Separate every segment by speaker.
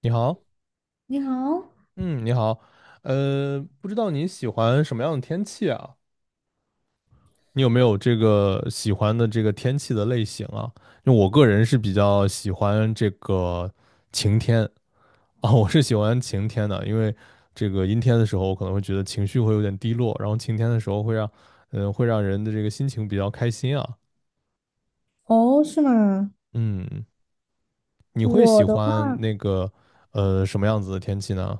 Speaker 1: 你好。
Speaker 2: 你好，
Speaker 1: 嗯，你好。不知道你喜欢什么样的天气啊？你有没有这个喜欢的这个天气的类型啊？因为我个人是比较喜欢这个晴天啊，我是喜欢晴天的，因为这个阴天的时候，我可能会觉得情绪会有点低落，然后晴天的时候会让，会让人的这个心情比较开心啊。
Speaker 2: 哦，是吗？
Speaker 1: 嗯，你会
Speaker 2: 我
Speaker 1: 喜
Speaker 2: 的话，
Speaker 1: 欢那个什么样子的天气呢？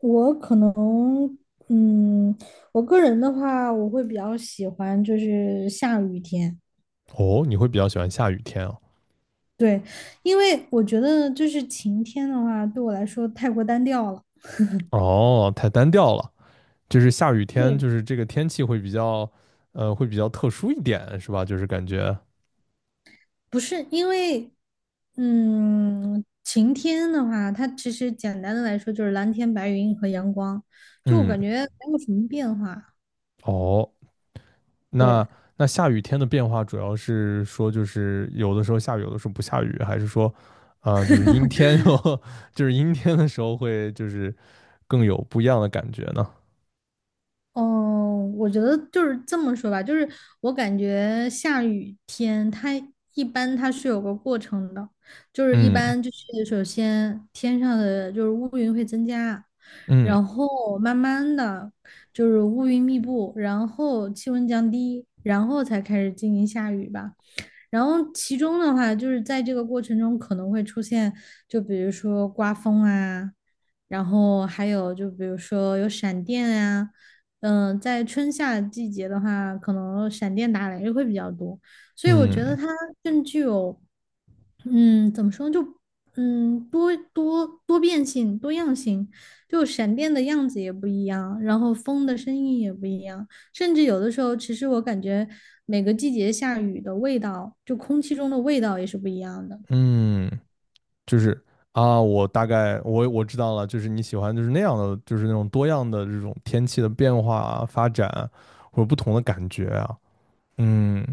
Speaker 2: 我可能，嗯，我个人的话，我会比较喜欢就是下雨天，
Speaker 1: 哦，你会比较喜欢下雨天啊？
Speaker 2: 对，因为我觉得就是晴天的话，对我来说太过单调了。
Speaker 1: 哦，太单调了。就是下雨天，
Speaker 2: 对，
Speaker 1: 就是这个天气会比较，会比较特殊一点，是吧？就是感觉，
Speaker 2: 不是因为，晴天的话，它其实简单的来说就是蓝天白云和阳光，就我
Speaker 1: 嗯，
Speaker 2: 感觉没有什么变化。
Speaker 1: 哦，
Speaker 2: 对，
Speaker 1: 那那下雨天的变化主要是说，就是有的时候下雨，有的时候不下雨，还是说，就是阴天 就是阴天的时候会就是更有不一样的感觉呢？
Speaker 2: 哦，我觉得就是这么说吧，就是我感觉下雨天它一般是有个过程的，就是一
Speaker 1: 嗯。
Speaker 2: 般就是首先天上的就是乌云会增加，
Speaker 1: 嗯
Speaker 2: 然后慢慢的就是乌云密布，然后气温降低，然后才开始进行下雨吧。然后其中的话，就是在这个过程中可能会出现，就比如说刮风啊，然后还有就比如说有闪电啊，在春夏季节的话，可能闪电打雷会比较多，所以我觉得
Speaker 1: 嗯
Speaker 2: 它更具有怎么说呢就多变性、多样性，就闪电的样子也不一样，然后风的声音也不一样，甚至有的时候，其实我感觉每个季节下雨的味道，就空气中的味道也是不一样的。
Speaker 1: 嗯，就是啊，我大概我知道了，就是你喜欢就是那样的，就是那种多样的这种天气的变化啊、发展啊或者不同的感觉啊。嗯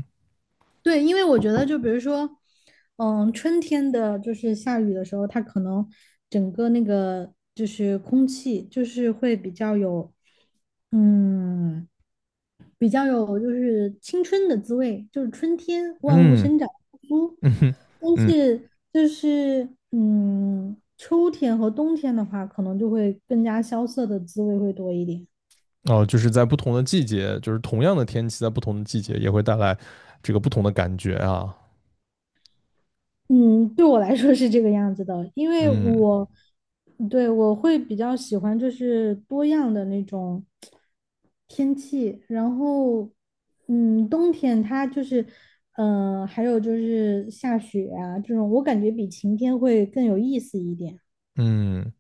Speaker 2: 对，因为我觉得，就比如说，春天的就是下雨的时候，它可能整个那个就是空气就是会比较有，嗯。比较有就是青春的滋味，就是春天万物
Speaker 1: 嗯
Speaker 2: 生长复苏。
Speaker 1: 嗯哼。
Speaker 2: 但
Speaker 1: 嗯，
Speaker 2: 是就是秋天和冬天的话，可能就会更加萧瑟的滋味会多一点。
Speaker 1: 哦，就是在不同的季节，就是同样的天气，在不同的季节也会带来这个不同的感觉啊。
Speaker 2: 嗯，对我来说是这个样子的，因为
Speaker 1: 嗯
Speaker 2: 我，对，我会比较喜欢就是多样的那种天气，然后，冬天它就是，还有就是下雪啊这种，我感觉比晴天会更有意思一点。
Speaker 1: 嗯。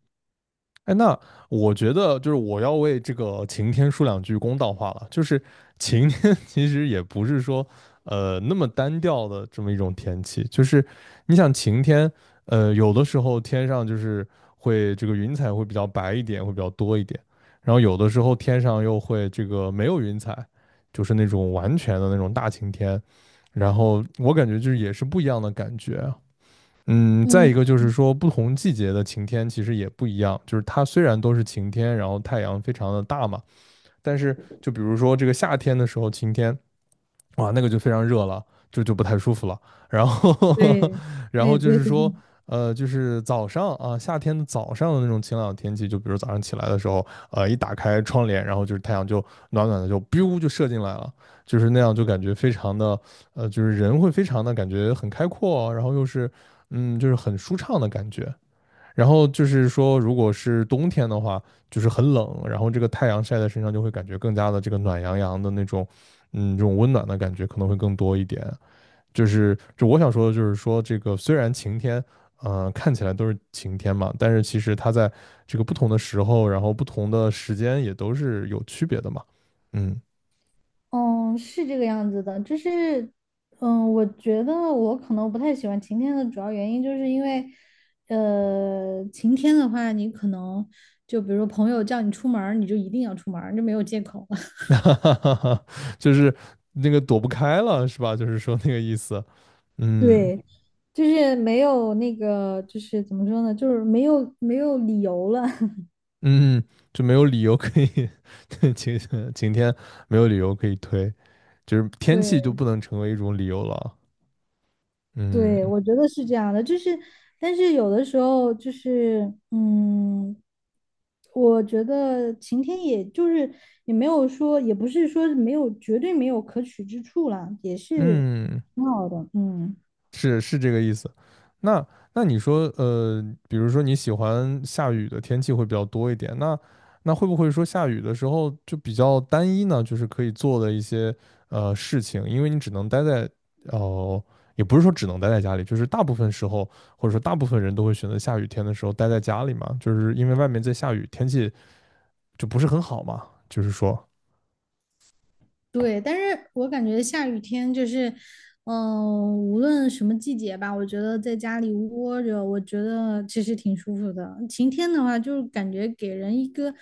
Speaker 1: 哎，那我觉得就是我要为这个晴天说两句公道话了。就是晴天 其实也不是说那么单调的这么一种天气，就是你想晴天，有的时候天上就是会这个云彩会比较白一点，会比较多一点，然后有的时候天上又会这个没有云彩，就是那种完全的那种大晴天。然后我感觉就是也是不一样的感觉。嗯，再
Speaker 2: 嗯，
Speaker 1: 一个就是说，不同季节的晴天其实也不一样。就是它虽然都是晴天，然后太阳非常的大嘛，但是就比如说这个夏天的时候晴天，哇，那个就非常热了，就不太舒服了。然后，
Speaker 2: 对，
Speaker 1: 然
Speaker 2: 对
Speaker 1: 后就
Speaker 2: 对
Speaker 1: 是
Speaker 2: 对，
Speaker 1: 说，就是早上啊，夏天的早上的那种晴朗的天气，就比如早上起来的时候，一打开窗帘，然后就是太阳就暖暖的就 biu 就射进来了，就是那样就感觉非常的，就是人会非常的感觉很开阔哦，然后又是，嗯，就是很舒畅的感觉。然后就是说，如果是冬天的话，就是很冷，然后这个太阳晒在身上就会感觉更加的这个暖洋洋的那种，嗯，这种温暖的感觉可能会更多一点。就我想说的就是说，这个虽然晴天，看起来都是晴天嘛，但是其实它在这个不同的时候，然后不同的时间也都是有区别的嘛。嗯。
Speaker 2: 嗯，是这个样子的，就是，我觉得我可能不太喜欢晴天的主要原因，就是因为，晴天的话，你可能就比如说朋友叫你出门儿你就一定要出门儿就没有借口了。
Speaker 1: 就是那个躲不开了，是吧？就是说那个意思。嗯。
Speaker 2: 对，就是没有那个，就是怎么说呢，就是没有理由了。
Speaker 1: 嗯，就没有理由可以，晴晴天没有理由可以推，就是 天气就
Speaker 2: 对。
Speaker 1: 不能成为一种理由了。
Speaker 2: 对，
Speaker 1: 嗯
Speaker 2: 我觉得是这样的，就是，但是有的时候就是，我觉得晴天也就是也没有说，也不是说没有，绝对没有可取之处啦，也是
Speaker 1: 嗯，
Speaker 2: 挺好的，嗯，
Speaker 1: 是是这个意思。那你说，比如说你喜欢下雨的天气会比较多一点，那会不会说下雨的时候就比较单一呢？就是可以做的一些事情，因为你只能待在哦、也不是说只能待在家里，就是大部分时候或者说大部分人都会选择下雨天的时候待在家里嘛，就是因为外面在下雨，天气就不是很好嘛，就是说。
Speaker 2: 对，但是我感觉下雨天就是，无论什么季节吧，我觉得在家里窝着，我觉得其实挺舒服的。晴天的话，就是感觉给人一个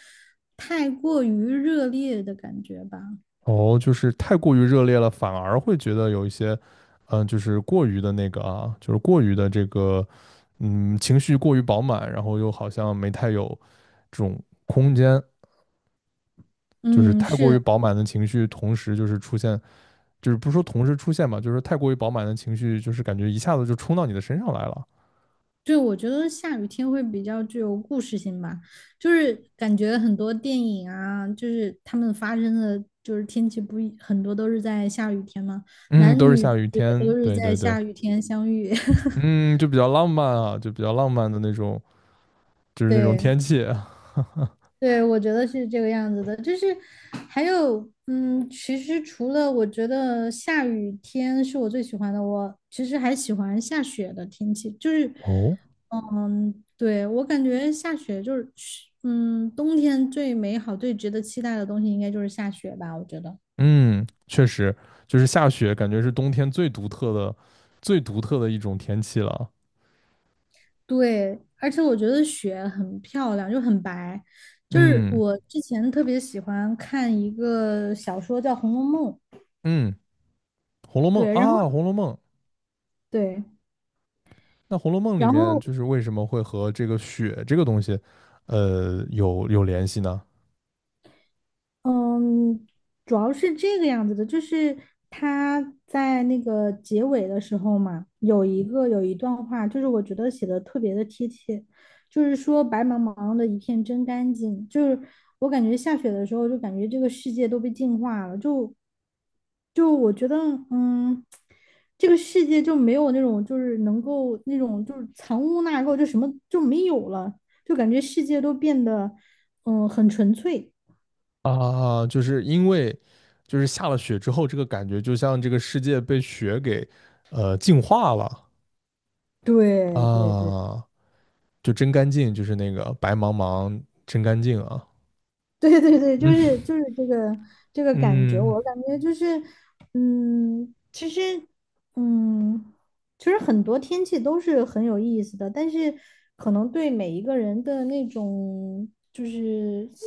Speaker 2: 太过于热烈的感觉吧。
Speaker 1: 哦，就是太过于热烈了，反而会觉得有一些，就是过于的那个啊，就是过于的这个，嗯，情绪过于饱满，然后又好像没太有这种空间，就是
Speaker 2: 嗯，
Speaker 1: 太过
Speaker 2: 是
Speaker 1: 于
Speaker 2: 的，
Speaker 1: 饱满的情绪，同时就是出现，就是不是说同时出现吧，就是太过于饱满的情绪，就是感觉一下子就冲到你的身上来了。
Speaker 2: 对，我觉得下雨天会比较具有故事性吧，就是感觉很多电影啊，就是他们发生的就是天气不一，很多都是在下雨天嘛，
Speaker 1: 嗯，
Speaker 2: 男
Speaker 1: 都是
Speaker 2: 女
Speaker 1: 下
Speaker 2: 主
Speaker 1: 雨
Speaker 2: 角都
Speaker 1: 天，
Speaker 2: 是
Speaker 1: 对
Speaker 2: 在
Speaker 1: 对对。
Speaker 2: 下雨天相遇，
Speaker 1: 嗯，就比较浪漫啊，就比较浪漫的那种，就是那种
Speaker 2: 对。
Speaker 1: 天气。
Speaker 2: 对，我觉得是这个样子的，就是还有，其实除了我觉得下雨天是我最喜欢的，我其实还喜欢下雪的天气，就是，
Speaker 1: 哦。
Speaker 2: 嗯，对，我感觉下雪就是，冬天最美好、最值得期待的东西应该就是下雪吧，我觉得。
Speaker 1: 嗯，确实，就是下雪，感觉是冬天最独特的、最独特的一种天气了。
Speaker 2: 对，而且我觉得雪很漂亮，就很白，就是
Speaker 1: 嗯
Speaker 2: 我之前特别喜欢看一个小说叫《红楼梦》，
Speaker 1: 嗯，《红楼梦》
Speaker 2: 对，然后
Speaker 1: 啊，《红楼梦》。
Speaker 2: 对。
Speaker 1: 那《红楼梦》里
Speaker 2: 然
Speaker 1: 面
Speaker 2: 后
Speaker 1: 就是为什么会和这个雪这个东西，有联系呢？
Speaker 2: 嗯，主要是这个样子的，就是他在那个结尾的时候嘛，有一段话，就是我觉得写的特别的贴切，就是说白茫茫的一片真干净，就是我感觉下雪的时候，就感觉这个世界都被净化了，就我觉得，嗯，这个世界就没有那种就是能够那种就是藏污纳垢，就什么就没有了，就感觉世界都变得很纯粹。
Speaker 1: 啊，就是因为就是下了雪之后，这个感觉就像这个世界被雪给净化了
Speaker 2: 对对对
Speaker 1: 啊，就真干净，就是那个白茫茫真干净啊。
Speaker 2: 对对对，就
Speaker 1: 嗯
Speaker 2: 是就是这个感觉，
Speaker 1: 嗯。
Speaker 2: 我感觉就是，其实，嗯，其实很多天气都是很有意思的，但是可能对每一个人的那种就是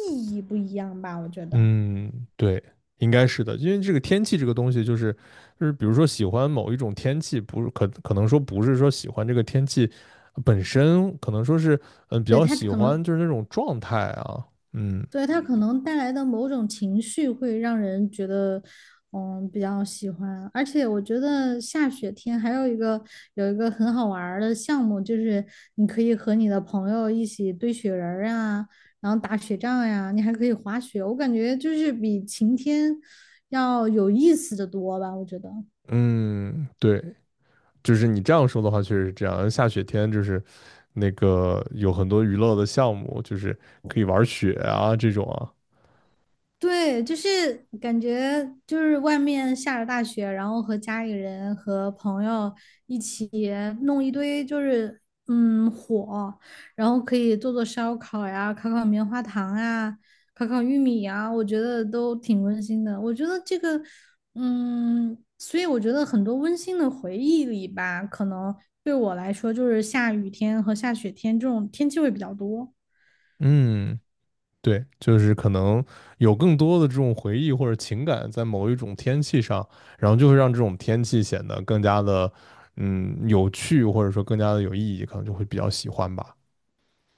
Speaker 2: 意义不一样吧，我觉得，
Speaker 1: 嗯，对，应该是的，因为这个天气这个东西，就是，比如说喜欢某一种天气，不是可能说不是说喜欢这个天气本身，可能说是嗯比
Speaker 2: 对，
Speaker 1: 较
Speaker 2: 他
Speaker 1: 喜
Speaker 2: 可能
Speaker 1: 欢就是那种状态啊。嗯
Speaker 2: 对，它可能带来的某种情绪会让人觉得，比较喜欢。而且我觉得下雪天还有一个很好玩儿的项目，就是你可以和你的朋友一起堆雪人儿啊，然后打雪仗呀，你还可以滑雪。我感觉就是比晴天要有意思的多吧，我觉得。
Speaker 1: 嗯，对，就是你这样说的话，确实是这样。下雪天就是那个有很多娱乐的项目，就是可以玩雪啊这种啊。
Speaker 2: 对，就是感觉就是外面下着大雪，然后和家里人和朋友一起弄一堆就是火，然后可以做做烧烤呀，烤烤棉花糖啊，烤烤玉米呀，我觉得都挺温馨的。我觉得这个所以我觉得很多温馨的回忆里吧，可能对我来说就是下雨天和下雪天这种天气会比较多。
Speaker 1: 嗯。对，就是可能有更多的这种回忆或者情感在某一种天气上，然后就会让这种天气显得更加的，嗯，有趣或者说更加的有意义，可能就会比较喜欢吧。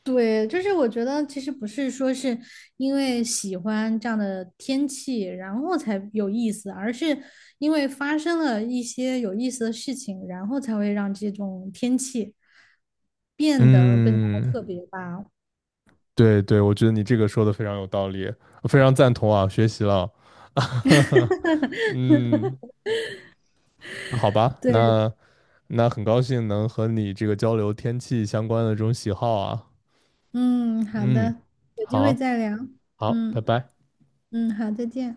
Speaker 2: 对，就是我觉得其实不是说是因为喜欢这样的天气，然后才有意思，而是因为发生了一些有意思的事情，然后才会让这种天气变得更加的
Speaker 1: 嗯，
Speaker 2: 特别吧。
Speaker 1: 对对，我觉得你这个说的非常有道理，我非常赞同啊，学习了。嗯，好吧，
Speaker 2: 对，
Speaker 1: 那很高兴能和你这个交流天气相关的这种喜好啊。
Speaker 2: 嗯，好
Speaker 1: 嗯，
Speaker 2: 的，有机会
Speaker 1: 好，
Speaker 2: 再聊。
Speaker 1: 好，拜
Speaker 2: 嗯
Speaker 1: 拜。
Speaker 2: 嗯，好，再见。